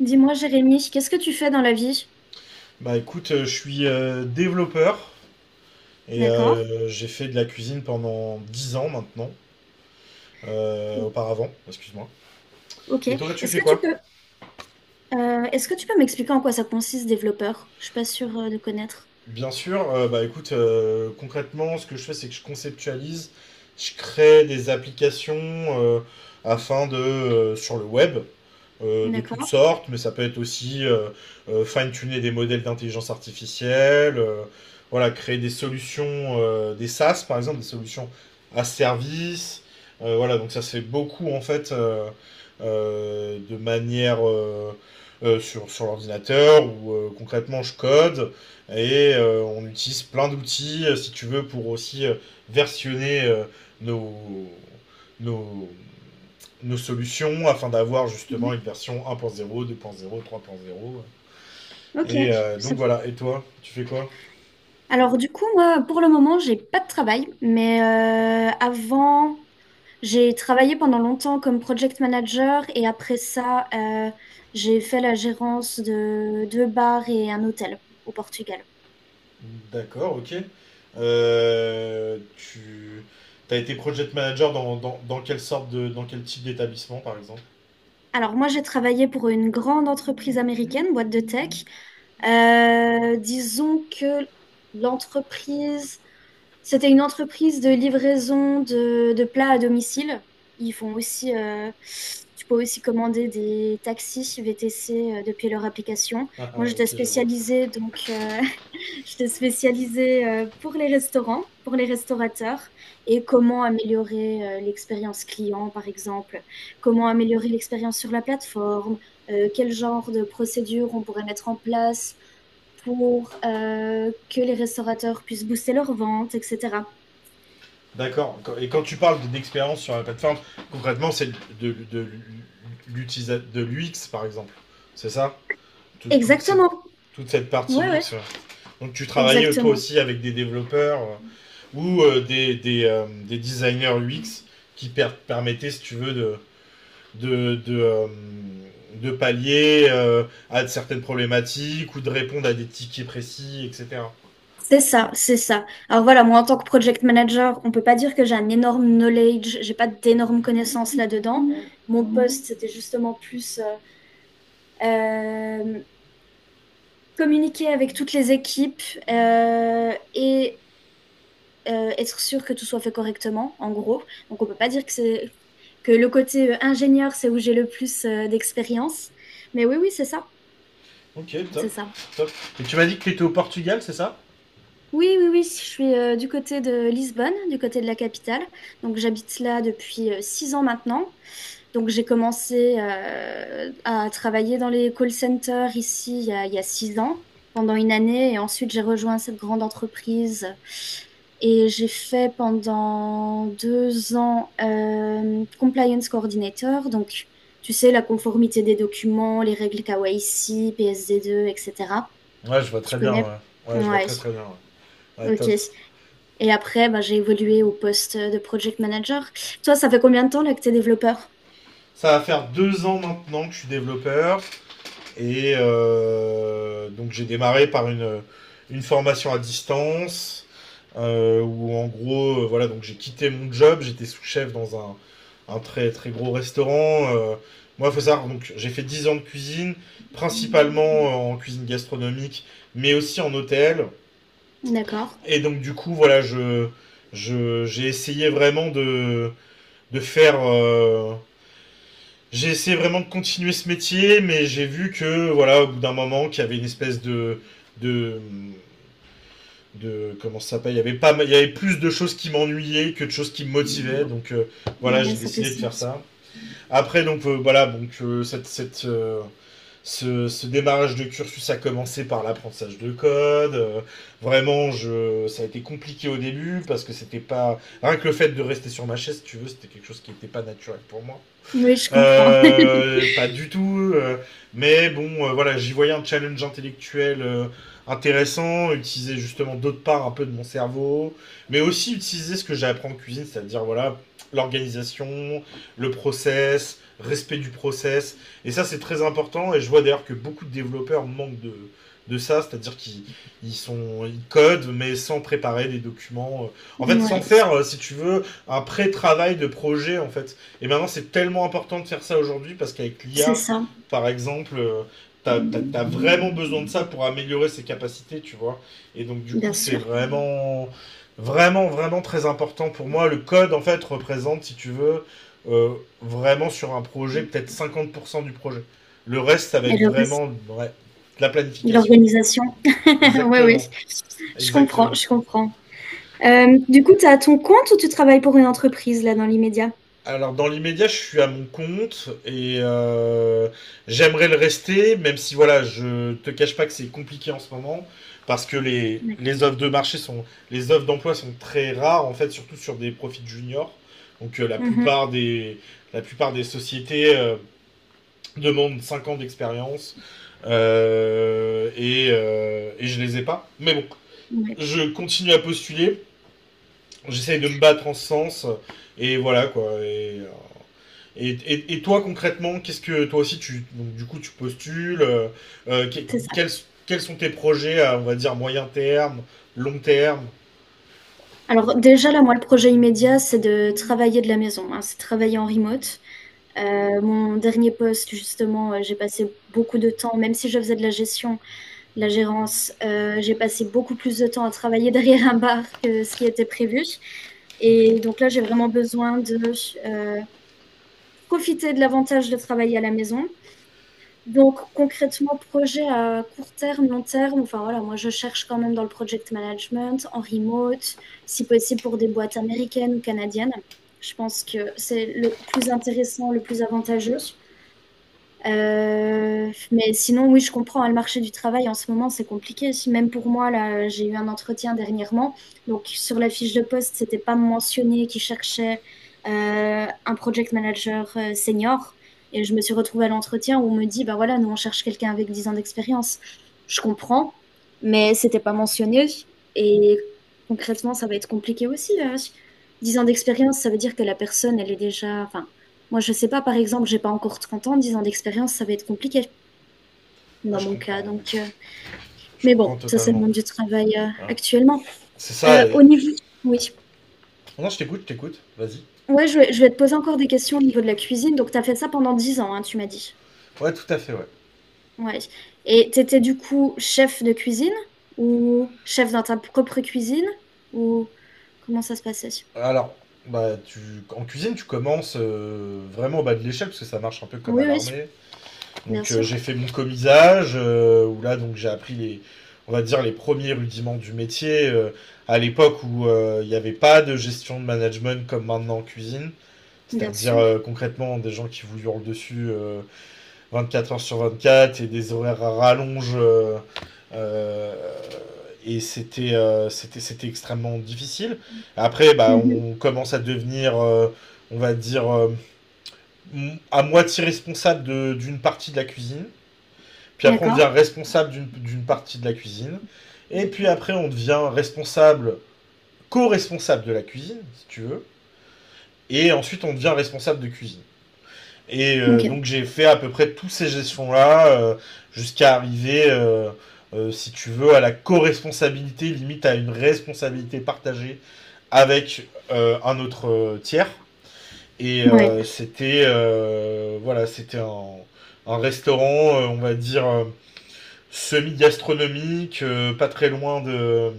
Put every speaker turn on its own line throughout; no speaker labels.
Dis-moi, Jérémy, qu'est-ce que tu fais dans la vie?
Bah écoute, je suis développeur et
D'accord.
j'ai fait de la cuisine pendant 10 ans maintenant,
O-
auparavant, excuse-moi.
Ok.
Et toi, tu
Est-ce
fais
que tu
quoi?
peux, est-ce que tu peux m'expliquer en quoi ça consiste, développeur? Je suis pas sûre de connaître.
Bien sûr, bah écoute, concrètement, ce que je fais, c'est que je conceptualise, je crée des applications, afin de, sur le web, de toutes
D'accord.
sortes, mais ça peut être aussi fine-tuner des modèles d'intelligence artificielle, voilà, créer des solutions, des SaaS par exemple, des solutions à service. Voilà, donc ça se fait beaucoup en fait, de manière, sur l'ordinateur où, concrètement, je code. Et on utilise plein d'outils, si tu veux, pour aussi versionner, nos, nos, nos solutions afin d'avoir justement une
Mhm.
version 1.0, 2.0, 3.0.
Ok.
Et donc
Ça-
voilà, et toi, tu fais quoi?
Alors du coup, moi, pour le moment, j'ai pas de travail, mais avant, j'ai travaillé pendant longtemps comme project manager et après ça, j'ai fait la gérance de deux bars et un hôtel au Portugal.
D'accord, ok. Tu as été project manager dans quelle sorte de, dans quel type d'établissement, par exemple?
Alors moi, j'ai travaillé pour une grande entreprise américaine, boîte de tech. Disons que l'entreprise, c'était une entreprise de livraison de plats à domicile. Ils font aussi, tu peux aussi commander des taxis VTC depuis leur application.
Ah, ah,
Moi, j'étais
ok, je vois.
spécialisée donc j'étais spécialisée pour les restaurants, pour les restaurateurs et comment améliorer l'expérience client, par exemple, comment améliorer l'expérience sur la plateforme, quel genre de procédures on pourrait mettre en place pour que les restaurateurs puissent booster leurs ventes, etc.
D'accord. Et quand tu parles d'expérience sur la plateforme, concrètement, c'est de l'UX, par exemple. C'est ça? Tout- toute, cette,
Exactement.
Toute cette partie
Ouais, ouais,
UX, ouais. Donc tu travaillais, toi
exactement.
aussi, avec des développeurs, ou des designers UX qui permettaient, si tu veux, de, de, euh, de pallier, à certaines problématiques, ou de répondre à des tickets précis, etc.
C'est ça, c'est ça. Alors voilà, moi en tant que project manager, on peut pas dire que j'ai un énorme knowledge, j'ai pas d'énormes connaissances là-dedans. Mon poste, c'était justement plus Euh, communiquer avec toutes les équipes et être sûr que tout soit fait correctement, en gros. Donc, on peut pas dire que c'est que le côté ingénieur, c'est où j'ai le plus d'expérience. Mais oui, oui, c'est ça,
Ok, top.
c'est ça.
Top. Et tu m'as dit que tu étais au Portugal, c'est ça?
Oui, oui, oui, je suis du côté de Lisbonne, du côté de la capitale. Donc, j'habite là depuis 6 ans maintenant. Donc j'ai commencé à travailler dans les call centers ici il y a 6 ans, pendant une année, et ensuite j'ai rejoint cette grande entreprise. Et j'ai fait pendant 2 ans compliance coordinator, donc tu sais, la conformité des documents, les règles KYC, PSD2, etc.
Ouais, je vois
Tu
très bien,
connais?
ouais. Ouais, je vois
Ouais,
très très bien. Ouais, ouais,
ok.
top.
Et après, bah, j'ai évolué au poste de project manager. Toi, ça fait combien de temps là que t'es développeur?
Ça va faire 2 ans maintenant que je suis développeur. Et donc j'ai démarré par une formation à distance, où en gros, voilà, donc j'ai quitté mon job. J'étais sous-chef dans un très très gros restaurant. Moi, faut savoir, donc j'ai fait 10 ans de cuisine, principalement en cuisine gastronomique, mais aussi en hôtel.
D'accord.
Et donc du coup, voilà, j'ai essayé vraiment de faire. J'ai essayé vraiment de continuer ce métier, mais j'ai vu que, voilà, au bout d'un moment, qu'il y avait une espèce de... de de comment ça s'appelle, il y avait pas, il y avait plus de choses qui m'ennuyaient que de choses qui me motivaient, donc, voilà,
Ouais,
j'ai
ça fait
décidé de faire
sens.
ça. Après donc, voilà, donc, ce démarrage de cursus a commencé par l'apprentissage de code, vraiment, je ça a été compliqué au début parce que c'était pas rien que le fait de rester sur ma chaise, si tu veux, c'était quelque chose qui n'était pas naturel pour moi,
Oui, je comprends.
pas du tout. Mais bon, voilà, j'y voyais un challenge intellectuel, intéressant, utiliser justement d'autre part un peu de mon cerveau, mais aussi utiliser ce que j'apprends en cuisine, c'est-à-dire voilà, l'organisation, le process, respect du process. Et ça, c'est très important. Et je vois d'ailleurs que beaucoup de développeurs manquent de ça, c'est-à-dire qu'ils... ils codent, mais sans préparer des documents. En fait, sans
Ouais,
faire, si tu veux, un pré-travail de projet, en fait. Et maintenant, c'est tellement important de faire ça aujourd'hui parce qu'avec
c'est
l'IA,
ça.
par exemple, t'as vraiment
Bien
besoin de ça pour améliorer ses capacités, tu vois. Et donc, du coup, c'est
sûr.
vraiment, vraiment, vraiment très important pour moi. Le code, en fait, représente, si tu veux, euh, vraiment, sur un projet, peut-être 50% du projet. Le reste, ça va
Et
être
le reste,
vraiment, ouais, de la planification.
l'organisation. Oui, oui.
Exactement.
Je comprends,
Exactement.
je comprends. Du coup, tu as ton compte ou tu travailles pour une entreprise là dans l'immédiat?
Alors dans l'immédiat, je suis à mon compte, et j'aimerais le rester, même si voilà, je te cache pas que c'est compliqué en ce moment, parce que
D'accord.
les offres d'emploi sont très rares en fait, surtout sur des profils juniors. Donc,
Mhm.
la plupart des sociétés, demandent 5 ans d'expérience, et je les ai pas. Mais bon,
Ouais,
je continue à postuler, j'essaye de me battre en ce sens, et voilà quoi. Et toi, concrètement, qu'est-ce que toi aussi tu... donc du coup, tu postules, euh, que-
c'est ça.
quels, quels sont tes projets, à, on va dire, moyen terme, long terme?
Alors déjà, là, moi, le projet immédiat, c'est de travailler de la maison, hein, c'est travailler en remote. Mon dernier poste, justement, j'ai passé beaucoup de temps, même si je faisais de la gestion, la gérance. J'ai passé beaucoup plus de temps à travailler derrière un bar que ce qui était prévu. Et donc là, j'ai vraiment besoin de euh, profiter de l'avantage de travailler à la maison. Donc concrètement, projet à court terme, long terme, enfin voilà, moi je cherche quand même dans le project management, en remote, si possible pour des boîtes américaines ou canadiennes. Je pense que c'est le plus intéressant, le plus avantageux. Mais sinon, oui, je comprends, hein. Le marché du travail en ce moment, c'est compliqué. Même pour moi, là, j'ai eu un entretien dernièrement. Donc, sur la fiche de poste, c'était pas mentionné qu'ils cherchaient un project manager senior. Et je me suis retrouvée à l'entretien où on me dit, bah voilà, nous on cherche quelqu'un avec 10 ans d'expérience. Je comprends, mais c'était pas mentionné. Et concrètement, ça va être compliqué aussi. 10 ans d'expérience, ça veut dire que la personne, elle est déjà, enfin, moi, je sais pas, par exemple, j'ai pas encore 30 ans, 10 ans d'expérience, ça va être compliqué
Ah
dans mon cas. Donc,
je
mais
comprends
bon, ça, c'est le
totalement.
monde du travail
Hein.
actuellement.
C'est ça.
Au niveau... Oui.
Non, je t'écoute, je t'écoute. Vas-y.
Ouais, je vais te poser encore des questions au niveau de la cuisine. Donc, tu as fait ça pendant 10 ans, hein, tu m'as dit.
Ouais tout à fait, ouais.
Ouais. Et tu étais du coup chef de cuisine ou chef dans ta propre cuisine ou comment ça se passait?
Alors bah, tu en cuisine, tu commences, vraiment au bas de l'échelle, parce que ça marche un peu comme à
Oui, oui,
l'armée.
bien
Donc,
sûr.
j'ai fait mon commisage, où là donc j'ai appris les, on va dire, les premiers rudiments du métier, à l'époque où il n'y avait pas de gestion de management comme maintenant en cuisine,
Bien
c'est-à-dire,
sûr.
concrètement, des gens qui vous hurlent dessus, 24 heures sur 24, et des horaires à rallonge, euh, et c'était, c'était extrêmement difficile. Après bah,
Mhm.
on commence à devenir, on va dire, à moitié responsable d'une partie de la cuisine. Puis après, on
D'accord.
devient responsable d'une partie de la cuisine. Et puis après, on devient responsable, co-responsable de la cuisine, si tu veux. Et ensuite, on devient responsable de cuisine. Et
Ok.
donc, j'ai fait à peu près tous ces gestions-là, jusqu'à arriver, si tu veux, à la co-responsabilité, limite à une responsabilité partagée avec, un autre, tiers. Et
Ouais.
c'était, voilà, c'était un restaurant, on va dire, semi-gastronomique,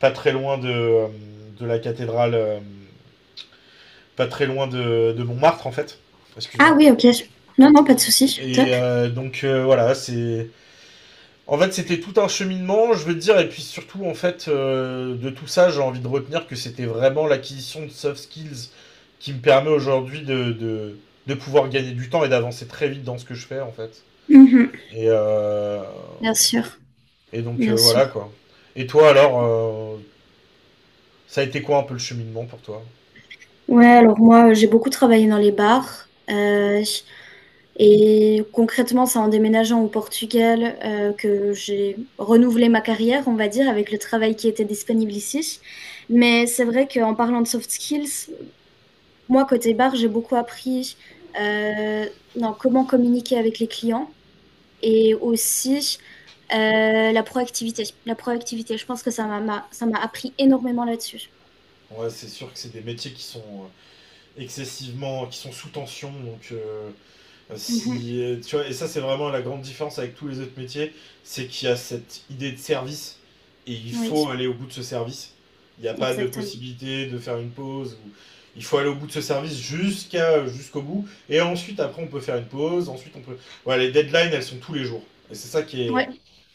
pas très loin de la cathédrale, pas très loin de Montmartre en fait.
Ah
Excuse-moi.
oui, ok. Non, non, pas de souci.
Et
Top.
donc, voilà, c'est... En fait, c'était tout un cheminement, je veux dire, et puis surtout, en fait, de tout ça, j'ai envie de retenir que c'était vraiment l'acquisition de soft skills qui me permet aujourd'hui de, de pouvoir gagner du temps et d'avancer très vite dans ce que je fais, en fait.
Mhm.
Et, euh,
Bien sûr.
et donc,
Bien
voilà,
sûr.
quoi. Et toi, alors, ça a été quoi un peu le cheminement pour toi?
Ouais, alors moi, j'ai beaucoup travaillé dans les bars. Et concrètement, c'est en déménageant au Portugal que j'ai renouvelé ma carrière, on va dire, avec le travail qui était disponible ici. Mais c'est vrai qu'en parlant de soft skills, moi, côté bar, j'ai beaucoup appris euh, dans comment communiquer avec les clients et aussi la proactivité. La proactivité, je pense que ça m'a appris énormément là-dessus.
Ouais, c'est sûr que c'est des métiers qui sont, excessivement, qui sont sous tension. Donc,
Mhm.
si tu vois, et ça c'est vraiment la grande différence avec tous les autres métiers, c'est qu'il y a cette idée de service, et il
Oui,
faut aller au bout de ce service. Il n'y a pas de
exactement.
possibilité de faire une pause. Ou... Il faut aller au bout de ce service, jusqu'à... jusqu'au bout. Et ensuite, après, on peut faire une pause. Ensuite, on peut. Ouais, les deadlines, elles sont tous les jours. Et c'est ça
Ouais.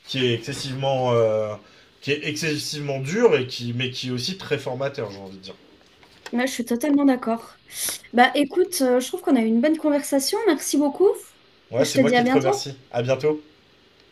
qui est excessivement, euh, qui est excessivement dur, mais qui est aussi très formateur, j'ai envie de dire.
Moi, je suis totalement d'accord. Bah écoute, je trouve qu'on a eu une bonne conversation. Merci beaucoup. Et
Ouais,
je
c'est
te
moi
dis à
qui te
bientôt.
remercie. À bientôt.